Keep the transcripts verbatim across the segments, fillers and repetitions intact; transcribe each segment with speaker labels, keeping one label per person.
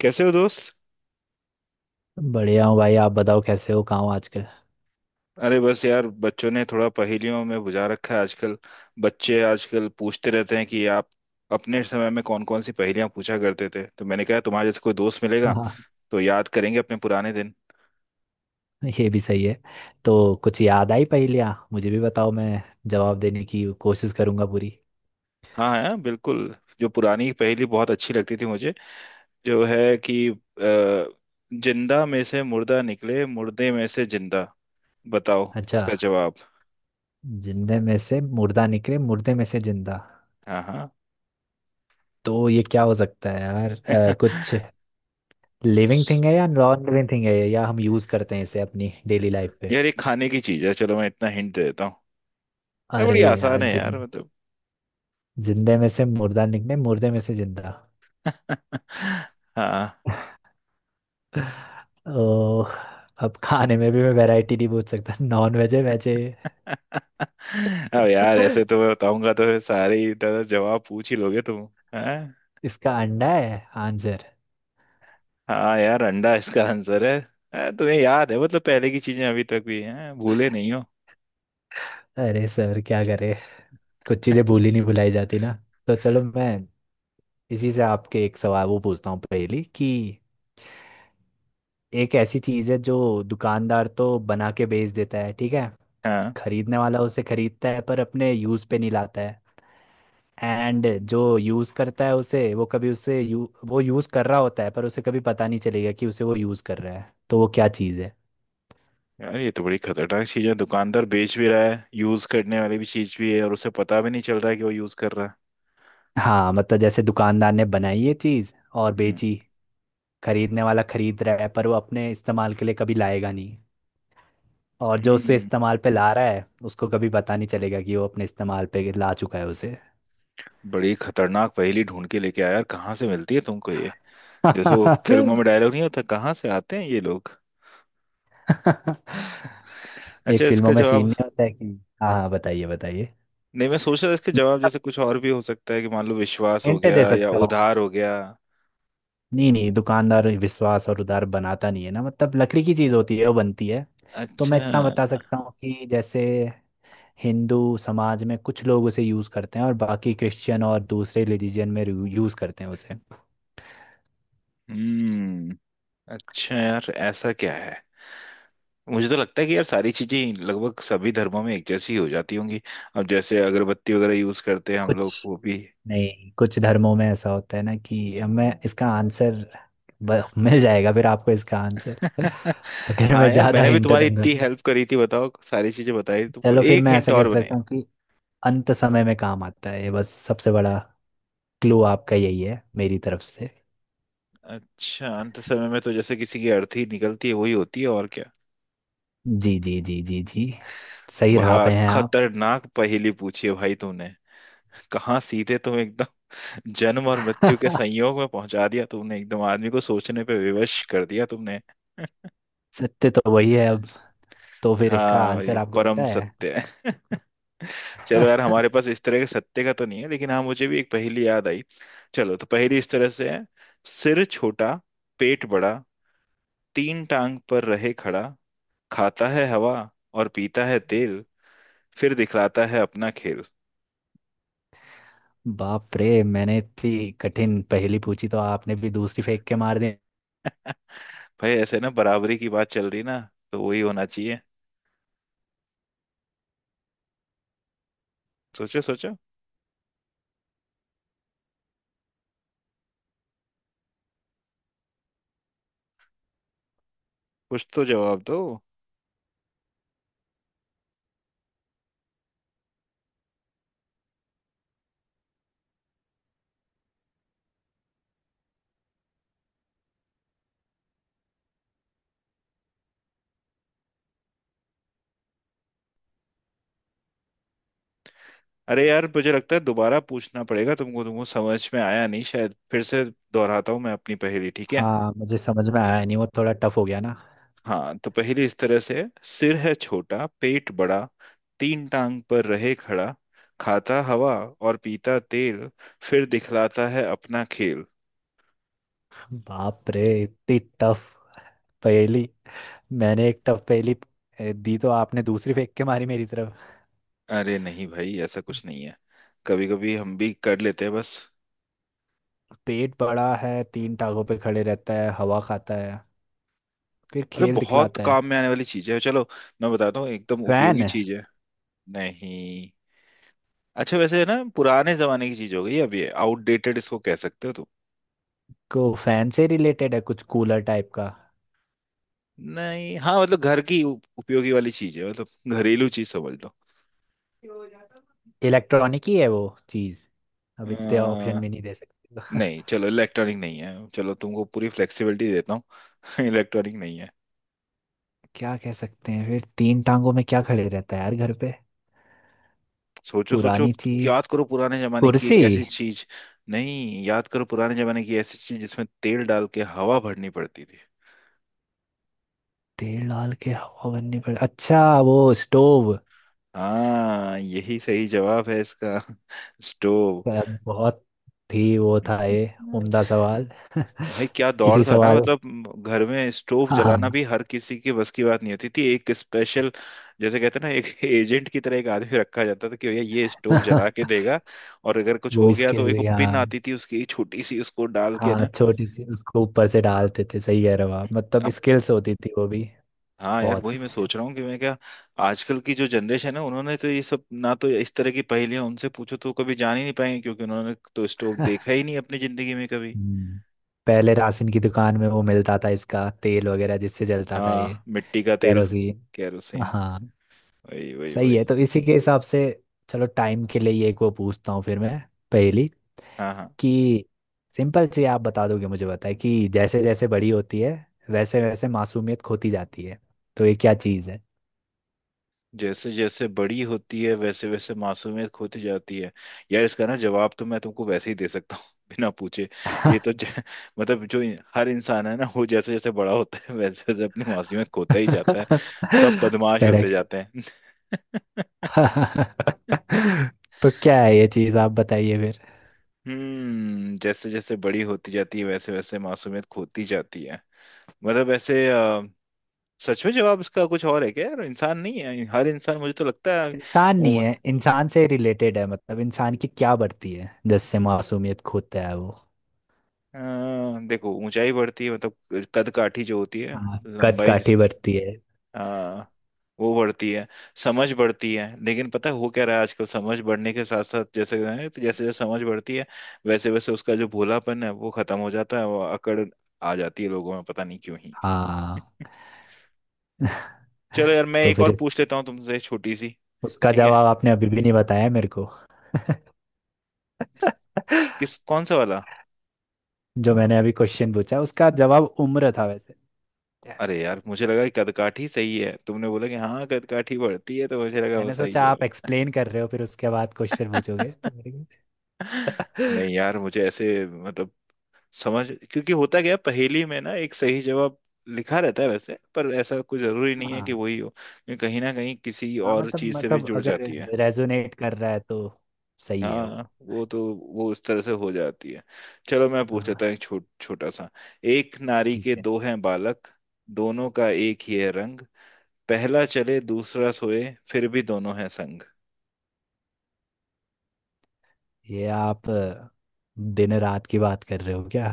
Speaker 1: कैसे हो दोस्त।
Speaker 2: बढ़िया हूँ भाई। आप बताओ कैसे हो, कहाँ हो आजकल।
Speaker 1: अरे बस यार, बच्चों ने थोड़ा पहेलियों में बुझा रखा है आजकल। बच्चे आजकल पूछते रहते हैं कि आप अपने समय में कौन कौन सी पहेलियां पूछा करते थे, तो मैंने कहा तुम्हारे जैसे कोई दोस्त मिलेगा
Speaker 2: हाँ,
Speaker 1: तो याद करेंगे अपने पुराने दिन।
Speaker 2: ये भी सही है। तो कुछ याद आई पहेलियाँ मुझे भी बताओ, मैं जवाब देने की कोशिश करूंगा पूरी।
Speaker 1: हाँ हाँ, बिल्कुल। जो पुरानी पहेली बहुत अच्छी लगती थी मुझे, जो है कि अ, जिंदा में से मुर्दा निकले, मुर्दे में से जिंदा। बताओ
Speaker 2: अच्छा।
Speaker 1: इसका जवाब।
Speaker 2: जिंदे में से मुर्दा निकले, मुर्दे में से जिंदा।
Speaker 1: हाँ हाँ।
Speaker 2: तो ये क्या हो सकता है यार, अ, कुछ लिविंग थिंग है या नॉन लिविंग थिंग है, या हम यूज़ करते हैं इसे अपनी डेली लाइफ पे।
Speaker 1: यार ये खाने की चीज है, चलो मैं इतना हिंट दे देता हूँ। अरे
Speaker 2: अरे
Speaker 1: बड़ी
Speaker 2: यार,
Speaker 1: आसान है
Speaker 2: जिन
Speaker 1: यार, मतलब।
Speaker 2: जिंदे में से मुर्दा निकले, मुर्दे में से जिंदा।
Speaker 1: हाँ।
Speaker 2: ओह। अब खाने में भी मैं वैरायटी नहीं पूछ सकता। नॉन वेज है, वेज है?
Speaker 1: अब यार ऐसे तो मैं बताऊंगा तो फिर सारे ही दादा जवाब पूछ ही लोगे तुम। हैं।
Speaker 2: इसका अंडा है आंसर।
Speaker 1: हाँ यार, अंडा इसका आंसर है। हाँ, तुम्हें याद है मतलब पहले की चीजें अभी तक भी हैं, भूले नहीं हो।
Speaker 2: अरे सर, क्या करे, कुछ चीजें भूली नहीं भुलाई जाती ना। तो चलो मैं इसी से आपके एक सवाल वो पूछता हूँ पहली। कि एक ऐसी चीज है जो दुकानदार तो बना के बेच देता है, ठीक है।
Speaker 1: हाँ
Speaker 2: खरीदने वाला उसे खरीदता है पर अपने यूज पे नहीं लाता है। एंड जो यूज करता है उसे, वो कभी उसे यू, वो यूज कर रहा होता है पर उसे कभी पता नहीं चलेगा कि उसे वो यूज कर रहा है। तो वो क्या चीज है?
Speaker 1: यार, ये तो बड़ी खतरनाक चीज है, दुकानदार बेच भी रहा है, यूज करने वाली भी चीज भी है और उसे पता भी नहीं चल रहा है कि वो यूज कर रहा है।
Speaker 2: हाँ, मतलब जैसे दुकानदार ने बनाई ये चीज और
Speaker 1: हम्म।
Speaker 2: बेची। खरीदने वाला खरीद रहा है पर वो अपने इस्तेमाल के लिए कभी लाएगा नहीं। और जो उसे
Speaker 1: हम्म,
Speaker 2: इस्तेमाल पे ला रहा है उसको कभी पता नहीं चलेगा कि वो अपने इस्तेमाल पे ला चुका है उसे।
Speaker 1: बड़ी खतरनाक पहेली ढूंढ के लेके आया यार, कहाँ से मिलती है तुमको ये। जैसे वो फिल्मों में डायलॉग नहीं होता, कहाँ से आते हैं ये लोग। अच्छा,
Speaker 2: एक फिल्मों
Speaker 1: इसका
Speaker 2: में सीन
Speaker 1: जवाब —
Speaker 2: नहीं होता है कि। हाँ हाँ, बताइए बताइए।
Speaker 1: नहीं, मैं सोच रहा था इसके जवाब
Speaker 2: मैं
Speaker 1: जैसे कुछ और भी हो सकता है कि मान लो विश्वास हो
Speaker 2: हिंट दे
Speaker 1: गया या
Speaker 2: सकता हूँ।
Speaker 1: उधार हो गया।
Speaker 2: नहीं नहीं, दुकानदार विश्वास और उधार बनाता नहीं है ना, मतलब लकड़ी की चीज होती है वो बनती है। तो
Speaker 1: अच्छा।
Speaker 2: मैं इतना बता सकता हूँ कि जैसे हिंदू समाज में कुछ लोग उसे यूज करते हैं और बाकी क्रिश्चियन और दूसरे रिलीजन में यूज करते हैं उसे।
Speaker 1: हम्म। अच्छा यार, ऐसा क्या है। मुझे तो लगता है कि यार सारी चीजें लगभग सभी धर्मों में एक जैसी हो जाती होंगी, अब जैसे अगरबत्ती वगैरह यूज करते हैं हम लोग
Speaker 2: कुछ
Speaker 1: वो भी।
Speaker 2: नहीं, कुछ धर्मों में ऐसा होता है ना कि हमें इसका आंसर ब- मिल जाएगा, फिर आपको इसका आंसर अगर
Speaker 1: हाँ
Speaker 2: मैं
Speaker 1: यार,
Speaker 2: ज्यादा
Speaker 1: मैंने भी
Speaker 2: हिंट
Speaker 1: तुम्हारी
Speaker 2: दूंगा
Speaker 1: इतनी
Speaker 2: तो।
Speaker 1: हेल्प करी थी, बताओ सारी चीजें बताई तुमको,
Speaker 2: चलो फिर
Speaker 1: एक
Speaker 2: मैं
Speaker 1: हिंट
Speaker 2: ऐसा कह
Speaker 1: और
Speaker 2: सकता
Speaker 1: बने।
Speaker 2: हूँ कि अंत समय में काम आता है ये। बस सबसे बड़ा क्लू आपका यही है मेरी तरफ से।
Speaker 1: अच्छा, अंत समय में तो जैसे किसी की अर्थी निकलती है वही होती है और क्या।
Speaker 2: जी जी जी जी जी, सही राह
Speaker 1: बड़ा
Speaker 2: पे हैं आप।
Speaker 1: खतरनाक पहेली पूछी है भाई तुमने, कहाँ सीधे तुम एकदम जन्म और मृत्यु के संयोग में पहुंचा दिया तुमने, एकदम आदमी को सोचने पे विवश कर दिया तुमने।
Speaker 2: सत्य तो वही है अब। तो फिर इसका
Speaker 1: हाँ
Speaker 2: आंसर
Speaker 1: भाई
Speaker 2: आपको
Speaker 1: परम
Speaker 2: पता है?
Speaker 1: सत्य है। चलो यार, हमारे पास इस तरह के सत्य का तो नहीं है, लेकिन हाँ मुझे भी एक पहेली याद आई। चलो, तो पहेली इस तरह से है। सिर छोटा, पेट बड़ा, तीन टांग पर रहे खड़ा, खाता है हवा और पीता है तेल, फिर दिखलाता है अपना खेल।
Speaker 2: बाप रे, मैंने इतनी कठिन पहेली पूछी तो आपने भी दूसरी फेंक के मार दी।
Speaker 1: भाई ऐसे ना, बराबरी की बात चल रही ना, तो वही होना चाहिए। सोचो सोचो, कुछ तो जवाब दो। अरे यार मुझे लगता है दोबारा पूछना पड़ेगा तुमको, तुमको समझ में आया नहीं शायद। फिर से दोहराता हूँ मैं अपनी पहेली, ठीक है।
Speaker 2: हाँ, मुझे समझ में आया नहीं, वो थोड़ा टफ हो गया ना।
Speaker 1: हाँ तो पहेली इस तरह से है। सिर है छोटा, पेट बड़ा, तीन टांग पर रहे खड़ा, खाता हवा और पीता तेल, फिर दिखलाता है अपना खेल।
Speaker 2: बाप रे, इतनी टफ पहेली। मैंने एक टफ पहेली ए, दी तो आपने दूसरी फेंक के मारी मेरी तरफ।
Speaker 1: अरे नहीं भाई, ऐसा कुछ नहीं है, कभी कभी हम भी कर लेते हैं बस।
Speaker 2: पेट बड़ा है, तीन टांगों पे खड़े रहता है, हवा खाता है, फिर
Speaker 1: अरे
Speaker 2: खेल
Speaker 1: बहुत
Speaker 2: दिखलाता है।
Speaker 1: काम में आने वाली चीज है, चलो मैं बताता हूँ, एकदम
Speaker 2: फैन
Speaker 1: उपयोगी
Speaker 2: है?
Speaker 1: चीज है। नहीं। अच्छा वैसे है ना, पुराने जमाने की चीज हो गई अब ये, आउटडेटेड इसको कह सकते हो तो।
Speaker 2: को फैन से रिलेटेड है, कुछ कूलर टाइप का?
Speaker 1: नहीं, हाँ मतलब घर की उप- उपयोगी वाली चीज है मतलब, घरेलू चीज समझ लो।
Speaker 2: इलेक्ट्रॉनिक ही है वो चीज़? अब इतने ऑप्शन
Speaker 1: अ,
Speaker 2: भी नहीं दे सकते तो।
Speaker 1: नहीं चलो इलेक्ट्रॉनिक नहीं है, चलो तुमको पूरी फ्लेक्सिबिलिटी देता हूँ। इलेक्ट्रॉनिक नहीं है।
Speaker 2: क्या कह सकते हैं फिर, तीन टांगों में क्या खड़े रहता है यार घर पे।
Speaker 1: सोचो सोचो,
Speaker 2: पुरानी चीज।
Speaker 1: याद करो पुराने जमाने की
Speaker 2: कुर्सी?
Speaker 1: एक ऐसी चीज। नहीं, याद करो पुराने जमाने की ऐसी चीज जिसमें तेल डाल के हवा भरनी पड़ती थी।
Speaker 2: तेल डाल के हवा बननी पड़, अच्छा, वो स्टोव।
Speaker 1: हाँ यही सही जवाब है इसका। स्टोव।
Speaker 2: अ, बहुत ही वो था ये, उम्दा सवाल।
Speaker 1: भाई क्या दौर
Speaker 2: इसी
Speaker 1: था ना,
Speaker 2: सवाल।
Speaker 1: मतलब घर में स्टोव जलाना
Speaker 2: हाँ।
Speaker 1: भी हर किसी की बस की बात नहीं होती थी, एक स्पेशल जैसे कहते हैं ना, एक एजेंट की तरह एक आदमी रखा जाता था कि भैया ये स्टोव जला के देगा। और अगर कुछ
Speaker 2: वो
Speaker 1: हो गया तो
Speaker 2: स्किल
Speaker 1: एक
Speaker 2: भी,
Speaker 1: वो
Speaker 2: हाँ
Speaker 1: पिन आती थी उसकी छोटी सी, उसको डाल के
Speaker 2: हाँ,
Speaker 1: ना।
Speaker 2: छोटी सी उसको ऊपर से डालते थे। सही कह रहे हो आप, मतलब
Speaker 1: अब
Speaker 2: स्किल्स होती थी वो भी।
Speaker 1: हाँ यार,
Speaker 2: बहुत।
Speaker 1: वही मैं सोच रहा हूँ कि मैं क्या, आजकल की जो जनरेशन है उन्होंने तो ये सब ना, तो इस तरह की पहेलियां उनसे पूछो तो कभी जान ही नहीं पाएंगे क्योंकि उन्होंने तो स्टोव देखा ही नहीं अपनी जिंदगी में कभी।
Speaker 2: हम्म। पहले राशन की दुकान में वो मिलता था इसका तेल वगैरह जिससे जलता था ये।
Speaker 1: हाँ, मिट्टी का तेल।
Speaker 2: केरोसिन।
Speaker 1: केरोसिन।
Speaker 2: हाँ,
Speaker 1: वही वही
Speaker 2: सही
Speaker 1: वही।
Speaker 2: है। तो इसी के हिसाब से चलो, टाइम के लिए ये एक वो पूछता हूँ फिर मैं पहेली।
Speaker 1: हाँ हाँ।
Speaker 2: कि सिंपल सी, आप बता दोगे मुझे बताए। कि जैसे जैसे बड़ी होती है वैसे वैसे मासूमियत खोती जाती है, तो ये क्या चीज़ है?
Speaker 1: जैसे जैसे बड़ी होती है, वैसे वैसे मासूमियत खोती जाती है। यार, इसका ना जवाब तो मैं तुमको वैसे ही दे सकता हूँ बिना पूछे। ये तो ज... मतलब जो इन- हर इंसान है ना वो जैसे जैसे बड़ा होता है वैसे वैसे अपनी मासूमियत खोता ही जाता है, सब बदमाश होते
Speaker 2: करेक्ट।
Speaker 1: जाते हैं।
Speaker 2: तो क्या है ये चीज़ आप बताइए फिर।
Speaker 1: हम्म जैसे जैसे बड़ी होती जाती है, वैसे वैसे मासूमियत खोती जाती है, मतलब ऐसे। अ, सच में जवाब इसका कुछ और है क्या यार, इंसान नहीं है हर इंसान, मुझे तो लगता है।
Speaker 2: इंसान नहीं है, इंसान से रिलेटेड है। मतलब इंसान की क्या बढ़ती है जिससे मासूमियत खोता है वो?
Speaker 1: अ, देखो ऊंचाई बढ़ती है मतलब, कद काठी जो होती है,
Speaker 2: हाँ, कद
Speaker 1: लंबाई जिस-
Speaker 2: काठी बढ़ती है।
Speaker 1: अ, वो बढ़ती है, समझ बढ़ती है, लेकिन पता है हो क्या रहा है आजकल, समझ बढ़ने के साथ साथ जैसे है, तो जैसे जैसे समझ बढ़ती है वैसे वैसे उसका जो भोलापन है वो खत्म हो जाता है, वो अकड़ आ जाती है लोगों में, पता नहीं क्यों ही।
Speaker 2: हाँ
Speaker 1: चलो यार मैं
Speaker 2: तो
Speaker 1: एक
Speaker 2: फिर
Speaker 1: और
Speaker 2: इस-
Speaker 1: पूछ लेता हूँ तुमसे छोटी सी।
Speaker 2: उसका
Speaker 1: ठीक है।
Speaker 2: जवाब आपने अभी भी नहीं बताया मेरे को।
Speaker 1: किस कौन सा वाला।
Speaker 2: जो मैंने अभी क्वेश्चन पूछा उसका जवाब उम्र था वैसे। यस।
Speaker 1: अरे यार मुझे लगा कि कदकाठी सही है, तुमने बोला कि हाँ कदकाठी बढ़ती है तो मुझे लगा वो
Speaker 2: मैंने
Speaker 1: सही
Speaker 2: सोचा आप
Speaker 1: जवाब
Speaker 2: एक्सप्लेन कर रहे हो, फिर उसके बाद क्वेश्चन
Speaker 1: है।
Speaker 2: पूछोगे तो मेरे को।
Speaker 1: नहीं यार, मुझे ऐसे मतलब समझ क्योंकि होता क्या है, पहेली में ना एक सही जवाब लिखा रहता है वैसे, पर ऐसा कोई जरूरी नहीं है कि
Speaker 2: हाँ
Speaker 1: वही हो क्योंकि कहीं ना कहीं किसी
Speaker 2: हाँ,
Speaker 1: और
Speaker 2: मतलब
Speaker 1: चीज से भी
Speaker 2: मतलब
Speaker 1: जुड़
Speaker 2: अगर
Speaker 1: जाती है।
Speaker 2: रेजोनेट कर रहा है तो सही है
Speaker 1: हाँ
Speaker 2: वो।
Speaker 1: वो तो वो उस तरह से हो जाती है। चलो मैं पूछ
Speaker 2: हाँ।
Speaker 1: लेता हूँ एक छोट छोटा सा। एक नारी
Speaker 2: ठीक
Speaker 1: के
Speaker 2: है।
Speaker 1: दो हैं बालक, दोनों का एक ही है रंग, पहला चले दूसरा सोए, फिर भी दोनों हैं संग।
Speaker 2: ये आप अ, दिन रात की बात कर रहे हो क्या?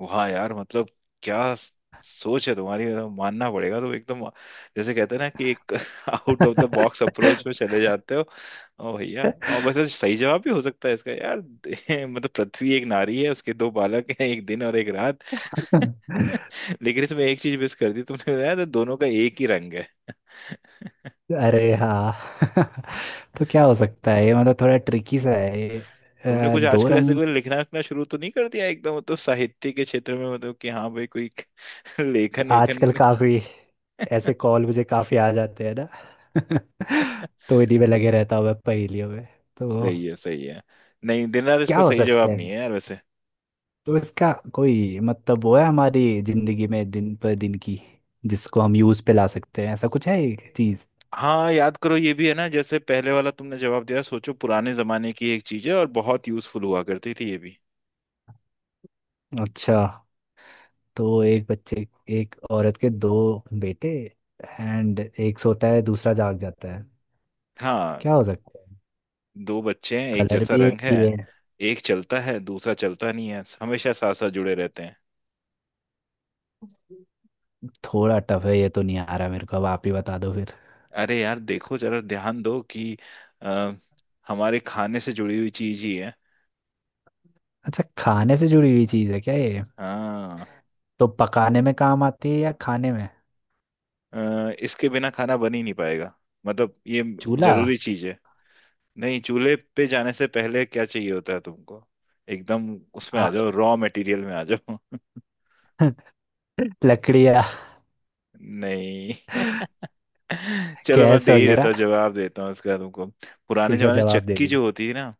Speaker 1: वाह यार मतलब, क्या स- सोच है तुम्हारी, मतलब मानना पड़ेगा, तुम एकदम जैसे कहते हैं ना कि एक out of the box approach में चले जाते हो। ओ भैया, और वैसे सही जवाब भी हो सकता है इसका यार मतलब पृथ्वी एक नारी है, उसके दो बालक हैं, एक दिन और एक रात। लेकिन इसमें एक चीज मिस कर दी तुमने, बताया तो दोनों का एक ही रंग है।
Speaker 2: अरे हाँ। तो क्या हो सकता है ये, मतलब थोड़ा ट्रिकी सा है ये।
Speaker 1: तुमने
Speaker 2: अ,
Speaker 1: कुछ
Speaker 2: दो
Speaker 1: आजकल ऐसे
Speaker 2: रंग।
Speaker 1: कोई लिखना लिखना शुरू तो नहीं कर दिया एकदम, मतलब साहित्य के क्षेत्र में, मतलब कि हाँ भाई कोई लेखन
Speaker 2: आजकल
Speaker 1: लेखन।
Speaker 2: काफी ऐसे कॉल मुझे काफी आ जाते हैं ना। तो इन्हीं में लगे रहता हूँ मैं पहेलियों में। तो
Speaker 1: सही है सही है। नहीं दिन रात
Speaker 2: क्या
Speaker 1: इसका
Speaker 2: हो
Speaker 1: सही
Speaker 2: सकता
Speaker 1: जवाब नहीं
Speaker 2: है?
Speaker 1: है यार वैसे।
Speaker 2: तो इसका कोई मतलब वो है हमारी जिंदगी में दिन पर दिन की जिसको हम यूज पे ला सकते हैं, ऐसा कुछ है एक चीज?
Speaker 1: हाँ याद करो, ये भी है ना जैसे पहले वाला तुमने जवाब दिया, सोचो पुराने जमाने की एक चीज है और बहुत यूजफुल हुआ करती थी ये भी।
Speaker 2: अच्छा। तो एक बच्चे, एक औरत के दो बेटे एंड एक सोता है दूसरा जाग जाता है।
Speaker 1: हाँ।
Speaker 2: क्या हो सकता है?
Speaker 1: दो बच्चे हैं, एक
Speaker 2: कलर
Speaker 1: जैसा
Speaker 2: भी एक
Speaker 1: रंग है,
Speaker 2: ही है।
Speaker 1: एक चलता है दूसरा चलता नहीं है, हमेशा साथ साथ जुड़े रहते हैं।
Speaker 2: थोड़ा टफ है ये, तो नहीं आ रहा मेरे को, अब आप ही बता दो।
Speaker 1: अरे यार देखो जरा ध्यान दो कि अ, हमारे खाने से जुड़ी हुई चीज ही है।
Speaker 2: अच्छा, खाने से जुड़ी हुई चीज है क्या ये?
Speaker 1: हाँ।
Speaker 2: तो पकाने में काम आती है या खाने में?
Speaker 1: अ, इसके बिना खाना बन ही नहीं पाएगा, मतलब ये
Speaker 2: चूल्हा?
Speaker 1: जरूरी चीज है। नहीं, चूल्हे पे जाने से पहले क्या चाहिए होता है तुमको, एकदम उसमें आ जाओ,
Speaker 2: आग।
Speaker 1: रॉ मटेरियल में आ जाओ।
Speaker 2: लकड़ियाँ।
Speaker 1: नहीं। चलो मैं
Speaker 2: गैस
Speaker 1: दे ही देता
Speaker 2: वगैरह।
Speaker 1: हूँ, जवाब देता हूँ इसका तुमको। पुराने
Speaker 2: ठीक है,
Speaker 1: जमाने में
Speaker 2: जवाब दे
Speaker 1: चक्की
Speaker 2: दीजिए।
Speaker 1: जो होती थी ना,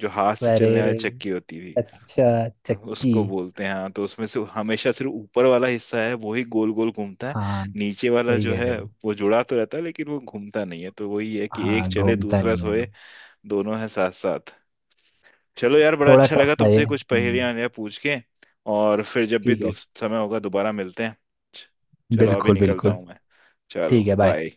Speaker 1: जो हाथ से
Speaker 2: अरे,
Speaker 1: चलने वाली चक्की होती थी
Speaker 2: अच्छा, चक्की।
Speaker 1: उसको बोलते हैं। हाँ, तो उसमें से हमेशा सिर्फ ऊपर वाला हिस्सा है वो ही गोल गोल घूमता है,
Speaker 2: हाँ,
Speaker 1: नीचे वाला
Speaker 2: सही
Speaker 1: जो
Speaker 2: कह
Speaker 1: है
Speaker 2: रहे हो।
Speaker 1: वो जुड़ा तो रहता है लेकिन वो घूमता नहीं है, तो वही है कि एक
Speaker 2: हाँ,
Speaker 1: चले
Speaker 2: घूमता
Speaker 1: दूसरा
Speaker 2: नहीं है।
Speaker 1: सोए, दोनों है साथ साथ। चलो यार, बड़ा
Speaker 2: थोड़ा
Speaker 1: अच्छा
Speaker 2: टफ
Speaker 1: लगा
Speaker 2: था ये।
Speaker 1: तुमसे कुछ पहेलियां
Speaker 2: हम्म।
Speaker 1: वहेलियां पूछ के। और फिर जब भी
Speaker 2: ठीक है।
Speaker 1: दूस- समय होगा दोबारा मिलते हैं। च- चलो अभी
Speaker 2: बिल्कुल
Speaker 1: निकलता
Speaker 2: बिल्कुल।
Speaker 1: हूँ मैं।
Speaker 2: ठीक
Speaker 1: चलो
Speaker 2: है, बाय।
Speaker 1: बाय।